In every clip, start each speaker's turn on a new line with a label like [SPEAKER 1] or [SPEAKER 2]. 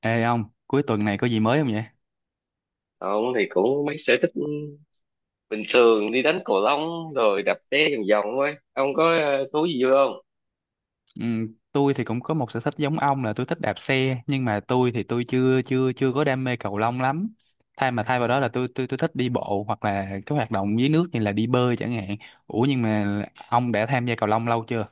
[SPEAKER 1] Ê ông, cuối tuần này có gì mới không vậy?
[SPEAKER 2] Ông thì cũng mấy sở thích bình thường, đi đánh cầu lông rồi đạp xe vòng vòng thôi. Ông có thú gì vui không?
[SPEAKER 1] Ừ, tôi thì cũng có một sở thích giống ông là tôi thích đạp xe, nhưng mà tôi thì tôi chưa chưa chưa có đam mê cầu lông lắm. Thay vào đó là tôi thích đi bộ hoặc là cái hoạt động dưới nước như là đi bơi chẳng hạn. Ủa, nhưng mà ông đã tham gia cầu lông lâu chưa?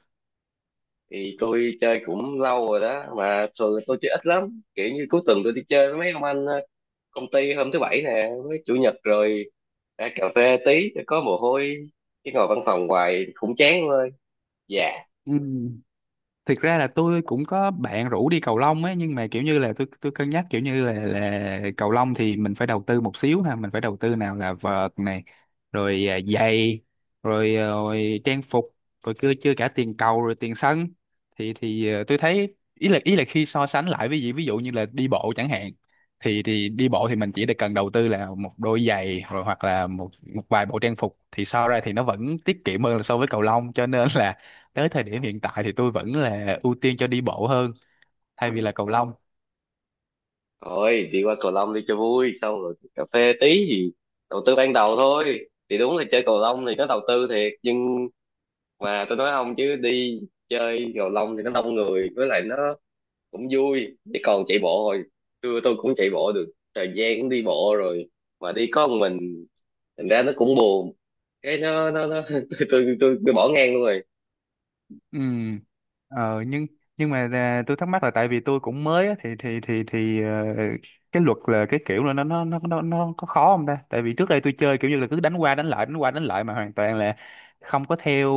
[SPEAKER 2] Thì tôi chơi cũng lâu rồi đó, mà thường tôi chơi ít lắm, kiểu như cuối tuần tôi đi chơi với mấy ông anh công ty, hôm thứ bảy nè với chủ nhật, rồi ra cà phê tí cho có mồ hôi, chứ ngồi văn phòng hoài cũng chán. Thôi, dạ
[SPEAKER 1] Ừ. Thực ra là tôi cũng có bạn rủ đi cầu lông ấy, nhưng mà kiểu như là tôi cân nhắc, kiểu như là cầu lông thì mình phải đầu tư một xíu ha, mình phải đầu tư nào là vợt này, rồi giày, rồi trang phục, rồi chưa chưa cả tiền cầu, rồi tiền sân. Thì tôi thấy ý là khi so sánh lại với gì ví dụ như là đi bộ chẳng hạn, thì đi bộ thì mình chỉ được cần đầu tư là một đôi giày, rồi hoặc là một một vài bộ trang phục, thì so ra thì nó vẫn tiết kiệm hơn là so với cầu lông. Cho nên là tới thời điểm hiện tại thì tôi vẫn là ưu tiên cho đi bộ hơn, thay vì là cầu lông.
[SPEAKER 2] thôi, đi qua cầu lông đi cho vui, xong rồi cà phê tí gì. Đầu tư ban đầu thôi, thì đúng là chơi cầu lông thì nó đầu tư thiệt, nhưng mà tôi nói không, chứ đi chơi cầu lông thì nó đông người, với lại nó cũng vui. Chứ còn chạy bộ rồi, tôi cũng chạy bộ được thời gian, cũng đi bộ rồi, mà đi có một mình, thành ra nó cũng buồn. Cái nó tôi bỏ ngang luôn rồi.
[SPEAKER 1] Ừ. Nhưng mà, tôi thắc mắc là tại vì tôi cũng mới á, thì cái luật là cái kiểu là nó có khó không ta? Tại vì trước đây tôi chơi kiểu như là cứ đánh qua đánh lại đánh qua đánh lại, mà hoàn toàn là không có theo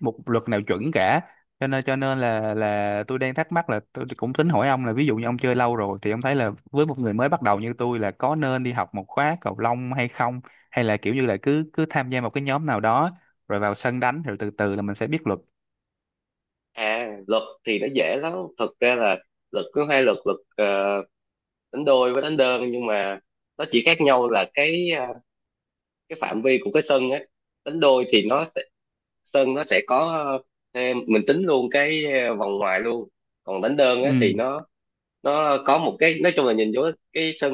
[SPEAKER 1] một luật nào chuẩn cả. Cho nên là tôi đang thắc mắc là tôi cũng tính hỏi ông là ví dụ như ông chơi lâu rồi thì ông thấy là với một người mới bắt đầu như tôi là có nên đi học một khóa cầu lông hay không, hay là kiểu như là cứ cứ tham gia một cái nhóm nào đó rồi vào sân đánh, rồi từ từ là mình sẽ biết luật.
[SPEAKER 2] À, luật thì nó dễ lắm, thật ra là luật có hai luật, đánh đôi với đánh đơn. Nhưng mà nó chỉ khác nhau là cái cái phạm vi của cái sân á. Đánh đôi thì nó sẽ, sân nó sẽ có, ờ, mình tính luôn cái vòng ngoài luôn. Còn đánh đơn á thì
[SPEAKER 1] Ừ.
[SPEAKER 2] nó có một cái, nói chung là nhìn vô cái sân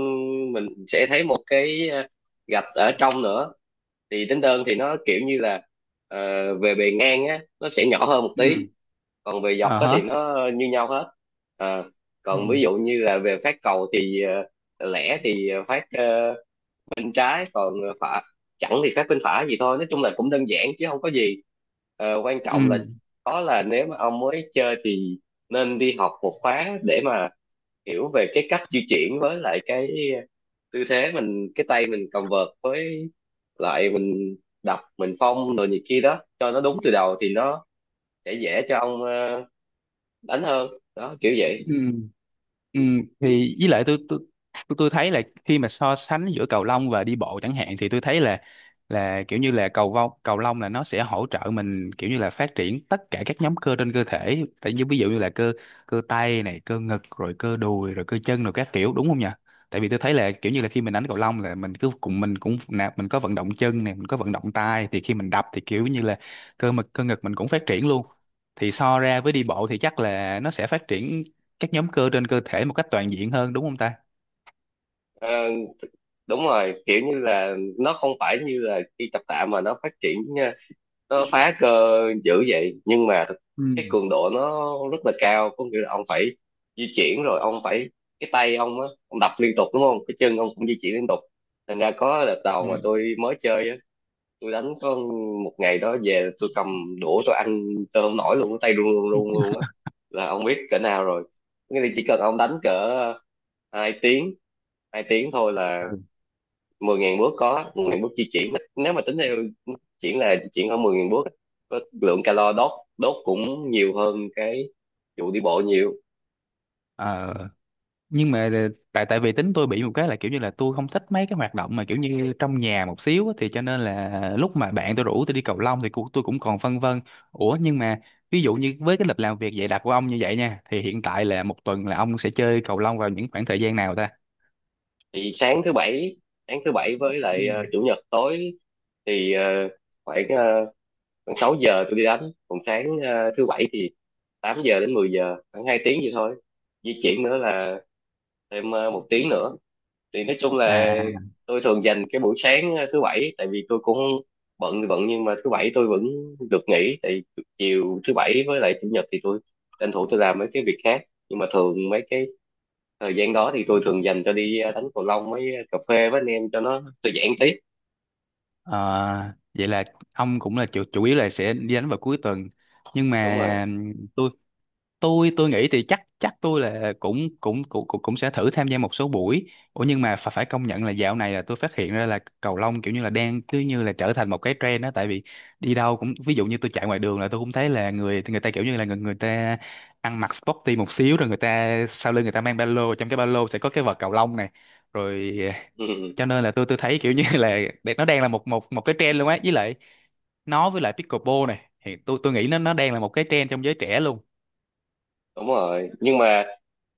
[SPEAKER 2] mình sẽ thấy một cái gạch ở trong nữa. Thì đánh đơn thì nó kiểu như là, về bề ngang á nó sẽ nhỏ hơn một tí,
[SPEAKER 1] Ừ.
[SPEAKER 2] còn về dọc
[SPEAKER 1] Ờ
[SPEAKER 2] á thì
[SPEAKER 1] hả.
[SPEAKER 2] nó như nhau hết. Ờ,
[SPEAKER 1] Ừ.
[SPEAKER 2] còn ví dụ như là về phát cầu thì, lẻ thì phát bên trái, còn phải, chẳng thì phép bên phải gì thôi. Nói chung là cũng đơn giản chứ không có gì. Ờ, quan
[SPEAKER 1] Ừ.
[SPEAKER 2] trọng là, đó là nếu mà ông mới chơi thì nên đi học một khóa để mà hiểu về cái cách di chuyển, với lại cái tư thế mình, cái tay mình cầm vợt, với lại mình đập, mình phong rồi này kia đó, cho nó đúng từ đầu thì nó sẽ dễ cho ông đánh hơn đó, kiểu vậy.
[SPEAKER 1] Ừ. Ừ, thì với lại tôi thấy là khi mà so sánh giữa cầu lông và đi bộ chẳng hạn thì tôi thấy là kiểu như là cầu lông là nó sẽ hỗ trợ mình kiểu như là phát triển tất cả các nhóm cơ trên cơ thể, tại như ví dụ như là cơ cơ tay này, cơ ngực, rồi cơ đùi, rồi cơ chân, rồi các kiểu, đúng không nhỉ? Tại vì tôi thấy là kiểu như là khi mình đánh cầu lông là mình cứ cùng mình cũng nạp, mình có vận động chân này, mình có vận động tay, thì khi mình đập thì kiểu như là cơ ngực mình cũng phát triển luôn. Thì so ra với đi bộ thì chắc là nó sẽ phát triển các nhóm cơ trên cơ thể một cách toàn diện hơn, đúng không ta?
[SPEAKER 2] Ờ, đúng rồi, kiểu như là nó không phải như là đi tập tạ, mà nó phát triển, nó phá cơ dữ vậy, nhưng mà thực,
[SPEAKER 1] Ừ.
[SPEAKER 2] cái cường độ nó rất là cao, có nghĩa là ông phải di chuyển, rồi ông phải, cái tay ông á ông đập liên tục đúng không, cái chân ông cũng di chuyển liên tục. Thành ra có đợt đầu
[SPEAKER 1] Ừ.
[SPEAKER 2] mà tôi mới chơi á, tôi đánh có một ngày đó, về tôi cầm đũa tôi ăn tôi không nổi luôn, cái tay run run run luôn á, là ông biết cỡ nào rồi. Nghĩa là chỉ cần ông đánh cỡ ờ, hai tiếng hai tiếng thôi là
[SPEAKER 1] Ừ.
[SPEAKER 2] 10.000 bước, có 10.000 bước di chuyển, nếu mà tính theo chuyển là chuyển khoảng 10.000 bước á, có lượng calo đốt, đốt cũng nhiều hơn cái vụ đi bộ nhiều.
[SPEAKER 1] Ờ, nhưng mà tại tại vì tính tôi bị một cái là kiểu như là tôi không thích mấy cái hoạt động mà kiểu như trong nhà một xíu á, thì cho nên là lúc mà bạn tôi rủ tôi đi cầu lông thì tôi cũng còn phân vân. Ủa, nhưng mà ví dụ như với cái lịch làm việc dày đặc của ông như vậy nha, thì hiện tại là một tuần là ông sẽ chơi cầu lông vào những khoảng thời gian nào ta?
[SPEAKER 2] Thì sáng thứ bảy, sáng thứ bảy với lại
[SPEAKER 1] Ừ.
[SPEAKER 2] chủ nhật tối. Thì khoảng khoảng 6 giờ tôi đi đánh. Còn sáng thứ bảy thì 8 giờ đến 10 giờ, khoảng 2 tiếng vậy thôi, di chuyển nữa là thêm một tiếng nữa. Thì nói chung là
[SPEAKER 1] À.
[SPEAKER 2] tôi thường dành cái buổi sáng thứ bảy, tại vì tôi cũng bận thì bận, nhưng mà thứ bảy tôi vẫn được nghỉ. Tại chiều thứ bảy với lại chủ nhật thì tôi tranh thủ tôi làm mấy cái việc khác, nhưng mà thường mấy cái thời gian đó thì tôi thường dành cho đi đánh cầu lông với cà phê với anh em cho nó thư giãn tí.
[SPEAKER 1] ờ, Vậy là ông cũng là chủ yếu là sẽ đi đánh vào cuối tuần. Nhưng
[SPEAKER 2] Đúng rồi.
[SPEAKER 1] mà tôi tôi nghĩ thì chắc chắc tôi là cũng cũng cũng cũng cũng sẽ thử tham gia một số buổi. Ủa, nhưng mà phải phải công nhận là dạo này là tôi phát hiện ra là cầu lông kiểu như là đang cứ như là trở thành một cái trend đó, tại vì đi đâu cũng ví dụ như tôi chạy ngoài đường là tôi cũng thấy là người người ta kiểu như là người người ta ăn mặc sporty một xíu, rồi người ta sau lưng người ta mang ba lô, trong cái ba lô sẽ có cái vợt cầu lông này rồi.
[SPEAKER 2] Ừ, ừ,
[SPEAKER 1] Cho nên là tôi thấy kiểu như là nó đang là một một một cái trend luôn á, với lại pickleball này thì tôi nghĩ nó đang là một cái trend trong giới trẻ luôn.
[SPEAKER 2] đúng rồi, nhưng mà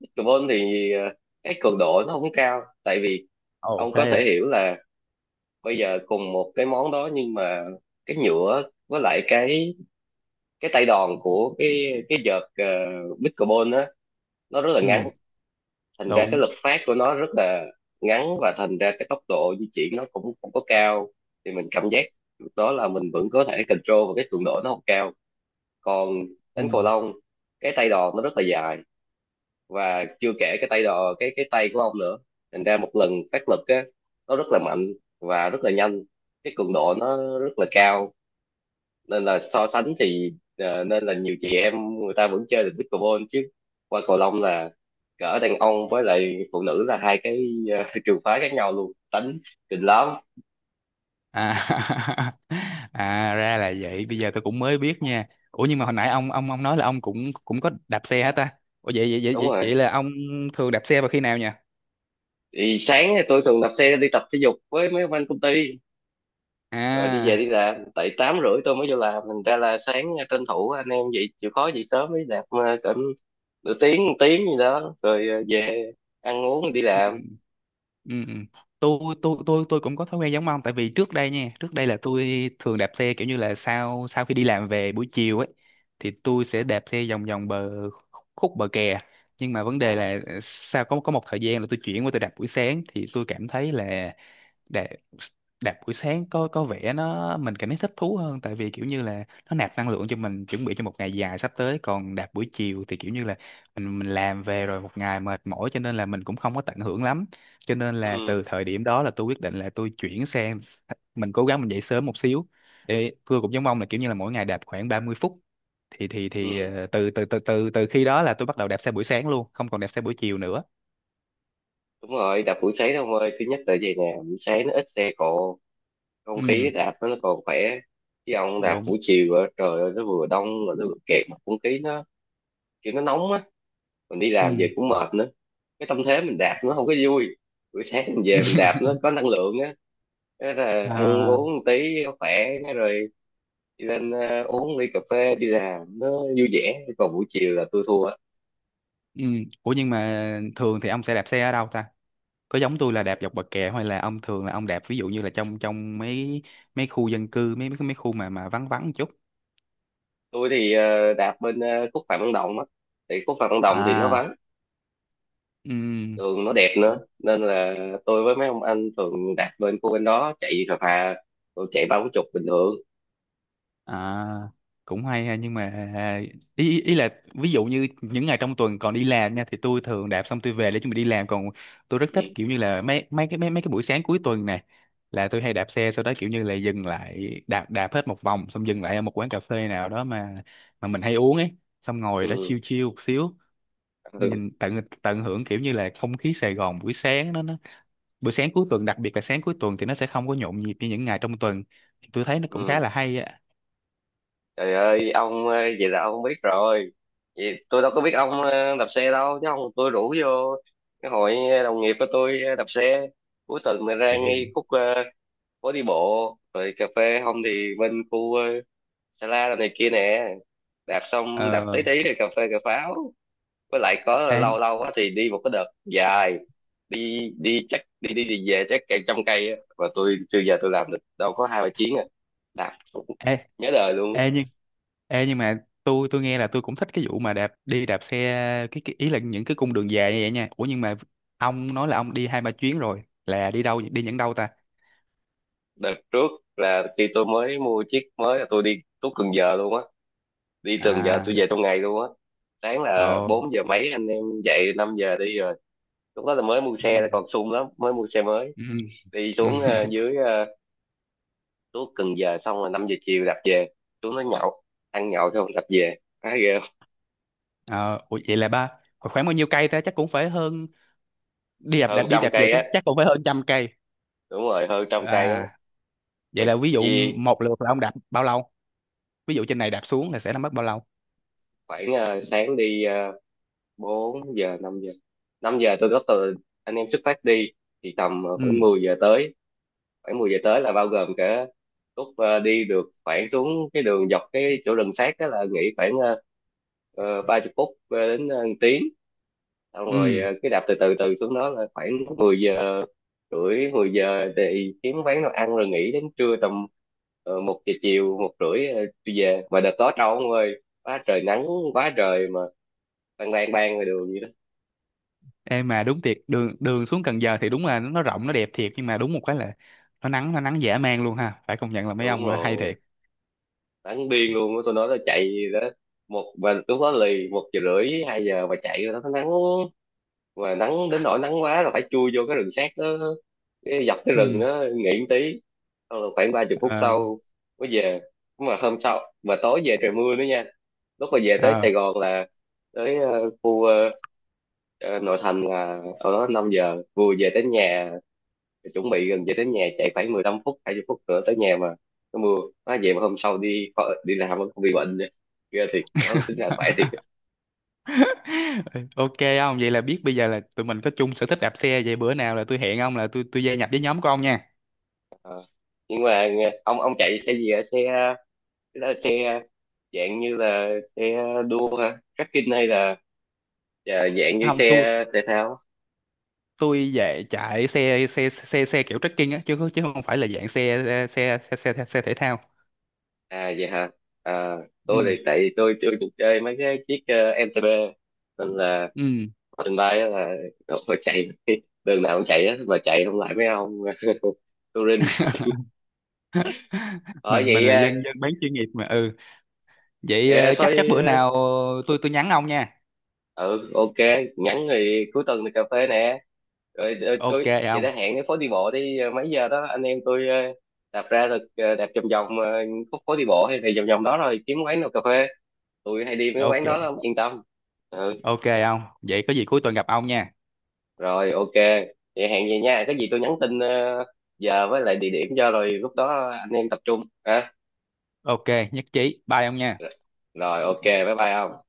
[SPEAKER 2] pickleball thì cái cường độ nó không cao. Tại vì
[SPEAKER 1] Ồ,
[SPEAKER 2] ông có
[SPEAKER 1] thế
[SPEAKER 2] thể
[SPEAKER 1] à?
[SPEAKER 2] hiểu là bây giờ cùng một cái món đó, nhưng mà cái nhựa với lại cái tay đòn của cái vợt pickleball á, nó rất là
[SPEAKER 1] Ừ.
[SPEAKER 2] ngắn. Thành ra cái
[SPEAKER 1] Đúng.
[SPEAKER 2] lực phát của nó rất là ngắn, và thành ra cái tốc độ di chuyển nó cũng không có cao. Thì mình cảm giác đó là mình vẫn có thể control, và cái cường độ nó không cao. Còn
[SPEAKER 1] Ừ.
[SPEAKER 2] đánh cầu lông, cái tay đòn nó rất là dài, và chưa kể cái tay đòn cái tay của ông nữa, thành ra một lần phát lực á nó rất là mạnh, và rất là nhanh, cái cường độ nó rất là cao. Nên là so sánh thì nên là nhiều chị em người ta vẫn chơi được pickleball, chứ qua cầu lông là cỡ đàn ông với lại phụ nữ là hai cái trường phái khác nhau luôn, tính kinh lắm.
[SPEAKER 1] À. à, ra là vậy, bây giờ tôi cũng mới biết nha. Ủa, nhưng mà hồi nãy ông, ông nói là ông cũng cũng có đạp xe hả ta? Ủa, vậy vậy vậy
[SPEAKER 2] Đúng
[SPEAKER 1] vậy,
[SPEAKER 2] rồi.
[SPEAKER 1] vậy là ông thường đạp xe vào khi nào nhỉ?
[SPEAKER 2] Thì sáng thì tôi thường đạp xe đi tập thể dục với mấy ông anh công ty, rồi đi về đi
[SPEAKER 1] À.
[SPEAKER 2] làm, tại tám rưỡi tôi mới vô làm. Thành ra là sáng tranh thủ anh em vậy chịu khó dậy sớm đi đạp cỡ nửa tiếng, một tiếng gì đó, rồi về ăn uống đi làm.
[SPEAKER 1] Ừ. Ừ. Ừ. tôi cũng có thói quen giống ông, tại vì trước đây nha, trước đây là tôi thường đạp xe kiểu như là sau sau khi đi làm về buổi chiều ấy, thì tôi sẽ đạp xe vòng vòng bờ, khúc bờ kè. Nhưng mà vấn đề
[SPEAKER 2] À,
[SPEAKER 1] là sau có một thời gian là tôi chuyển qua tôi đạp buổi sáng, thì tôi cảm thấy là đạp đạp buổi sáng có vẻ nó mình cảm thấy thích thú hơn, tại vì kiểu như là nó nạp năng lượng cho mình chuẩn bị cho một ngày dài sắp tới. Còn đạp buổi chiều thì kiểu như là mình làm về rồi, một ngày mệt mỏi, cho nên là mình cũng không có tận hưởng lắm. Cho nên là
[SPEAKER 2] ừ,
[SPEAKER 1] từ thời điểm đó là tôi quyết định là tôi chuyển sang, mình cố gắng mình dậy sớm một xíu, để tôi cũng giống ông là kiểu như là mỗi ngày đạp khoảng 30 phút. thì thì
[SPEAKER 2] ừ.
[SPEAKER 1] thì ờ, từ từ từ từ từ khi đó là tôi bắt đầu đạp xe buổi sáng luôn, không còn đạp xe buổi chiều nữa.
[SPEAKER 2] Đúng rồi, đạp buổi sáng ông ơi, thứ nhất là vậy nè, buổi sáng nó ít xe cộ, không khí
[SPEAKER 1] Ừ.
[SPEAKER 2] đạp nó còn khỏe. Chứ ông đạp
[SPEAKER 1] Đúng.
[SPEAKER 2] buổi chiều á, trời ơi nó vừa đông rồi nó vừa kẹt, mà không khí nó kiểu nó nóng á, mình đi làm
[SPEAKER 1] Ừ.
[SPEAKER 2] về cũng mệt nữa, cái tâm thế mình đạp nó không có vui. Buổi sáng mình về mình đạp nó có năng lượng á, thế là ăn
[SPEAKER 1] Ờ.
[SPEAKER 2] uống một tí nó khỏe, thế rồi đi lên uống ly cà phê đi làm nó vui vẻ. Còn buổi chiều là tôi thua á.
[SPEAKER 1] Ừ. Ủa, nhưng mà thường thì ông sẽ đạp xe ở đâu ta? Có giống tôi là đạp dọc bờ kè, hay là ông thường là ông đạp ví dụ như là trong trong mấy mấy khu dân cư, mấy mấy mấy khu mà vắng vắng một chút?
[SPEAKER 2] Tôi thì đạp bên khúc Phạm Văn Đồng á, thì khúc Phạm Văn Đồng thì nó
[SPEAKER 1] À.
[SPEAKER 2] vắng, đường nó đẹp
[SPEAKER 1] Ừ.
[SPEAKER 2] nữa, nên là tôi với mấy ông anh thường đạp lên khu bên đó chạy phà phà, rồi chạy ba bốn chục bình thường.
[SPEAKER 1] À, cũng hay ha. Nhưng mà ý ý ý là ví dụ như những ngày trong tuần còn đi làm nha, thì tôi thường đạp xong tôi về để chuẩn bị đi làm, còn tôi rất thích
[SPEAKER 2] Ừ,
[SPEAKER 1] kiểu như là mấy cái buổi sáng cuối tuần này, là tôi hay đạp xe sau đó kiểu như là dừng lại, đạp đạp hết một vòng, xong dừng lại ở một quán cà phê nào đó mà mình hay uống ấy, xong ngồi đó
[SPEAKER 2] ừ,
[SPEAKER 1] chill chill một xíu,
[SPEAKER 2] ừ,
[SPEAKER 1] nhìn tận, hưởng kiểu như là không khí Sài Gòn buổi sáng đó nó, buổi sáng cuối tuần, đặc biệt là sáng cuối tuần thì nó sẽ không có nhộn nhịp như những ngày trong tuần, tôi thấy nó cũng khá
[SPEAKER 2] ừ,
[SPEAKER 1] là hay á.
[SPEAKER 2] trời ơi ông, vậy là ông biết rồi. Vậy tôi đâu có biết ông đạp xe đâu, chứ không tôi rủ vô cái hội đồng nghiệp của tôi đạp xe cuối tuần này, ra
[SPEAKER 1] Vậy.
[SPEAKER 2] ngay khúc phố đi bộ rồi cà phê, không thì bên khu Sa La này kia nè, đạp xong đạp
[SPEAKER 1] ờ
[SPEAKER 2] tí tí rồi cà phê cà pháo. Với lại có
[SPEAKER 1] ê,
[SPEAKER 2] lâu lâu á thì đi một cái đợt dài, đi đi chắc đi đi đi về chắc cả trăm cây á, và tôi chưa giờ tôi làm được đâu, có hai ba chuyến à, làm cũng
[SPEAKER 1] ê,
[SPEAKER 2] nhớ đời luôn á.
[SPEAKER 1] ê nhưng ê nhưng mà tôi nghe là tôi cũng thích cái vụ mà đi đạp xe, cái ý là những cái cung đường dài như vậy nha. Ủa, nhưng mà ông nói là ông đi hai ba chuyến rồi, là đi đâu, đi những đâu ta?
[SPEAKER 2] Đợt trước là khi tôi mới mua chiếc mới là tôi đi tuốt Cần Giờ luôn á, đi Cần Giờ
[SPEAKER 1] À.
[SPEAKER 2] tôi về trong ngày luôn á. Sáng là
[SPEAKER 1] Ồ.
[SPEAKER 2] 4 giờ mấy anh em dậy, 5 giờ đi rồi. Lúc đó là mới mua
[SPEAKER 1] Ừ.
[SPEAKER 2] xe là còn sung lắm, mới mua xe mới.
[SPEAKER 1] Ừ.
[SPEAKER 2] Đi
[SPEAKER 1] Ừ.
[SPEAKER 2] xuống dưới, tuốt Cần Giờ, xong rồi 5 giờ chiều đạp về. Xuống nó nhậu, ăn nhậu xong đạp về, thấy ghê.
[SPEAKER 1] Ờ, ủa vậy là khoảng, bao nhiêu cây ta, chắc cũng phải hơn, đi đạp đạp
[SPEAKER 2] Hơn
[SPEAKER 1] đi
[SPEAKER 2] trăm
[SPEAKER 1] đạp về
[SPEAKER 2] cây
[SPEAKER 1] chắc
[SPEAKER 2] á,
[SPEAKER 1] chắc cũng phải hơn 100 cây.
[SPEAKER 2] đúng rồi, hơn trăm cây á,
[SPEAKER 1] À,
[SPEAKER 2] mà
[SPEAKER 1] vậy là ví dụ
[SPEAKER 2] chia
[SPEAKER 1] một lượt là ông đạp bao lâu, ví dụ trên này đạp xuống là sẽ là mất bao lâu?
[SPEAKER 2] khoảng sáng đi, 4 giờ, năm giờ tôi có từ anh em xuất phát đi, thì tầm
[SPEAKER 1] Ừ.
[SPEAKER 2] khoảng 10 giờ tới. Khoảng 10 giờ tới là bao gồm cả lúc đi được khoảng, xuống cái đường dọc cái chỗ rừng sát đó là nghỉ khoảng 30 phút đến tiếng, xong rồi
[SPEAKER 1] Ừ.
[SPEAKER 2] cứ đạp từ từ từ xuống đó là khoảng 10 giờ rưỡi, 10 giờ thì kiếm quán nào ăn rồi nghỉ đến trưa, tầm một giờ chiều, một rưỡi tôi về. Mà đợt đó trâu ông ơi, quá trời nắng, quá trời, mà ban ban ban ngoài đường vậy đó.
[SPEAKER 1] Ê, mà đúng thiệt, đường đường xuống Cần Giờ thì đúng là nó rộng nó đẹp thiệt, nhưng mà đúng một cái là nó nắng, nó nắng dã man luôn ha, phải công nhận là mấy
[SPEAKER 2] Đúng
[SPEAKER 1] ông hay
[SPEAKER 2] rồi,
[SPEAKER 1] thiệt.
[SPEAKER 2] nắng điên luôn á, tôi nói tôi chạy đó, một và lúc đó lì một giờ rưỡi, hai giờ mà chạy rồi đó, nó nắng, mà nắng đến nỗi nắng quá là phải chui vô cái rừng sát đó, cái dọc cái rừng
[SPEAKER 1] Ừ.
[SPEAKER 2] đó nghỉ một tí, xong là khoảng ba chục phút
[SPEAKER 1] Ờ.
[SPEAKER 2] sau mới về. Mà hôm sau mà tối về trời mưa nữa nha, lúc mà về tới
[SPEAKER 1] Ờ.
[SPEAKER 2] Sài Gòn là tới khu, nội thành là sau đó 5 giờ vừa về tới nhà, chuẩn bị gần về tới nhà chạy khoảng 15 phút, 20 phút nữa tới nhà mà nó mưa. Nó về mà hôm sau đi, đi làm vẫn không bị bệnh, ghê thiệt đó, tính là khỏe thiệt.
[SPEAKER 1] ok ông, vậy là biết bây giờ là tụi mình có chung sở thích đạp xe, vậy bữa nào là tôi hẹn ông là tôi gia nhập với nhóm của ông nha.
[SPEAKER 2] Ờ. Nhưng mà nghe-, ông chạy xe gì ạ? Xe đó là xe dạng như là xe đua hả, trekking hay là, à, dạng như
[SPEAKER 1] Không, tôi
[SPEAKER 2] xe thể thao.
[SPEAKER 1] tôi về chạy xe xe xe xe kiểu trekking á, chứ chứ không phải là dạng xe xe xe xe, xe, thể thao.
[SPEAKER 2] À vậy hả. À,
[SPEAKER 1] Ừ.
[SPEAKER 2] tôi thì tại vì tôi chưa được chơi mấy cái chiếc MTB nên là,
[SPEAKER 1] Ừ.
[SPEAKER 2] trên bay á là tôi chạy đường nào cũng chạy á, mà chạy không lại mấy ông touring ở
[SPEAKER 1] Mình
[SPEAKER 2] vậy.
[SPEAKER 1] là
[SPEAKER 2] Ờ,
[SPEAKER 1] dân dân bán chuyên nghiệp mà. Ừ, vậy
[SPEAKER 2] ờ,
[SPEAKER 1] chắc chắc
[SPEAKER 2] thôi.
[SPEAKER 1] bữa nào tôi nhắn ông nha.
[SPEAKER 2] Ừ, ok. Nhắn thì cuối tuần thì cà phê nè, rồi
[SPEAKER 1] Ok
[SPEAKER 2] tôi vậy
[SPEAKER 1] ông.
[SPEAKER 2] đã hẹn cái phố đi bộ đi mấy giờ đó anh em tôi đạp ra, rồi đạp vòng vòng khúc phố đi bộ hay thì vòng vòng đó, rồi kiếm quán nào cà phê, tôi hay đi mấy quán
[SPEAKER 1] Ok.
[SPEAKER 2] đó lắm, yên tâm. Ừ,
[SPEAKER 1] Ok ông. Vậy có gì cuối tuần gặp ông nha.
[SPEAKER 2] rồi ok, vậy hẹn vậy nha, cái gì tôi nhắn tin giờ với lại địa điểm cho, rồi lúc đó anh em tập trung ha.
[SPEAKER 1] Ok, nhất trí. Bye ông nha.
[SPEAKER 2] Rồi ok, bye bye ông.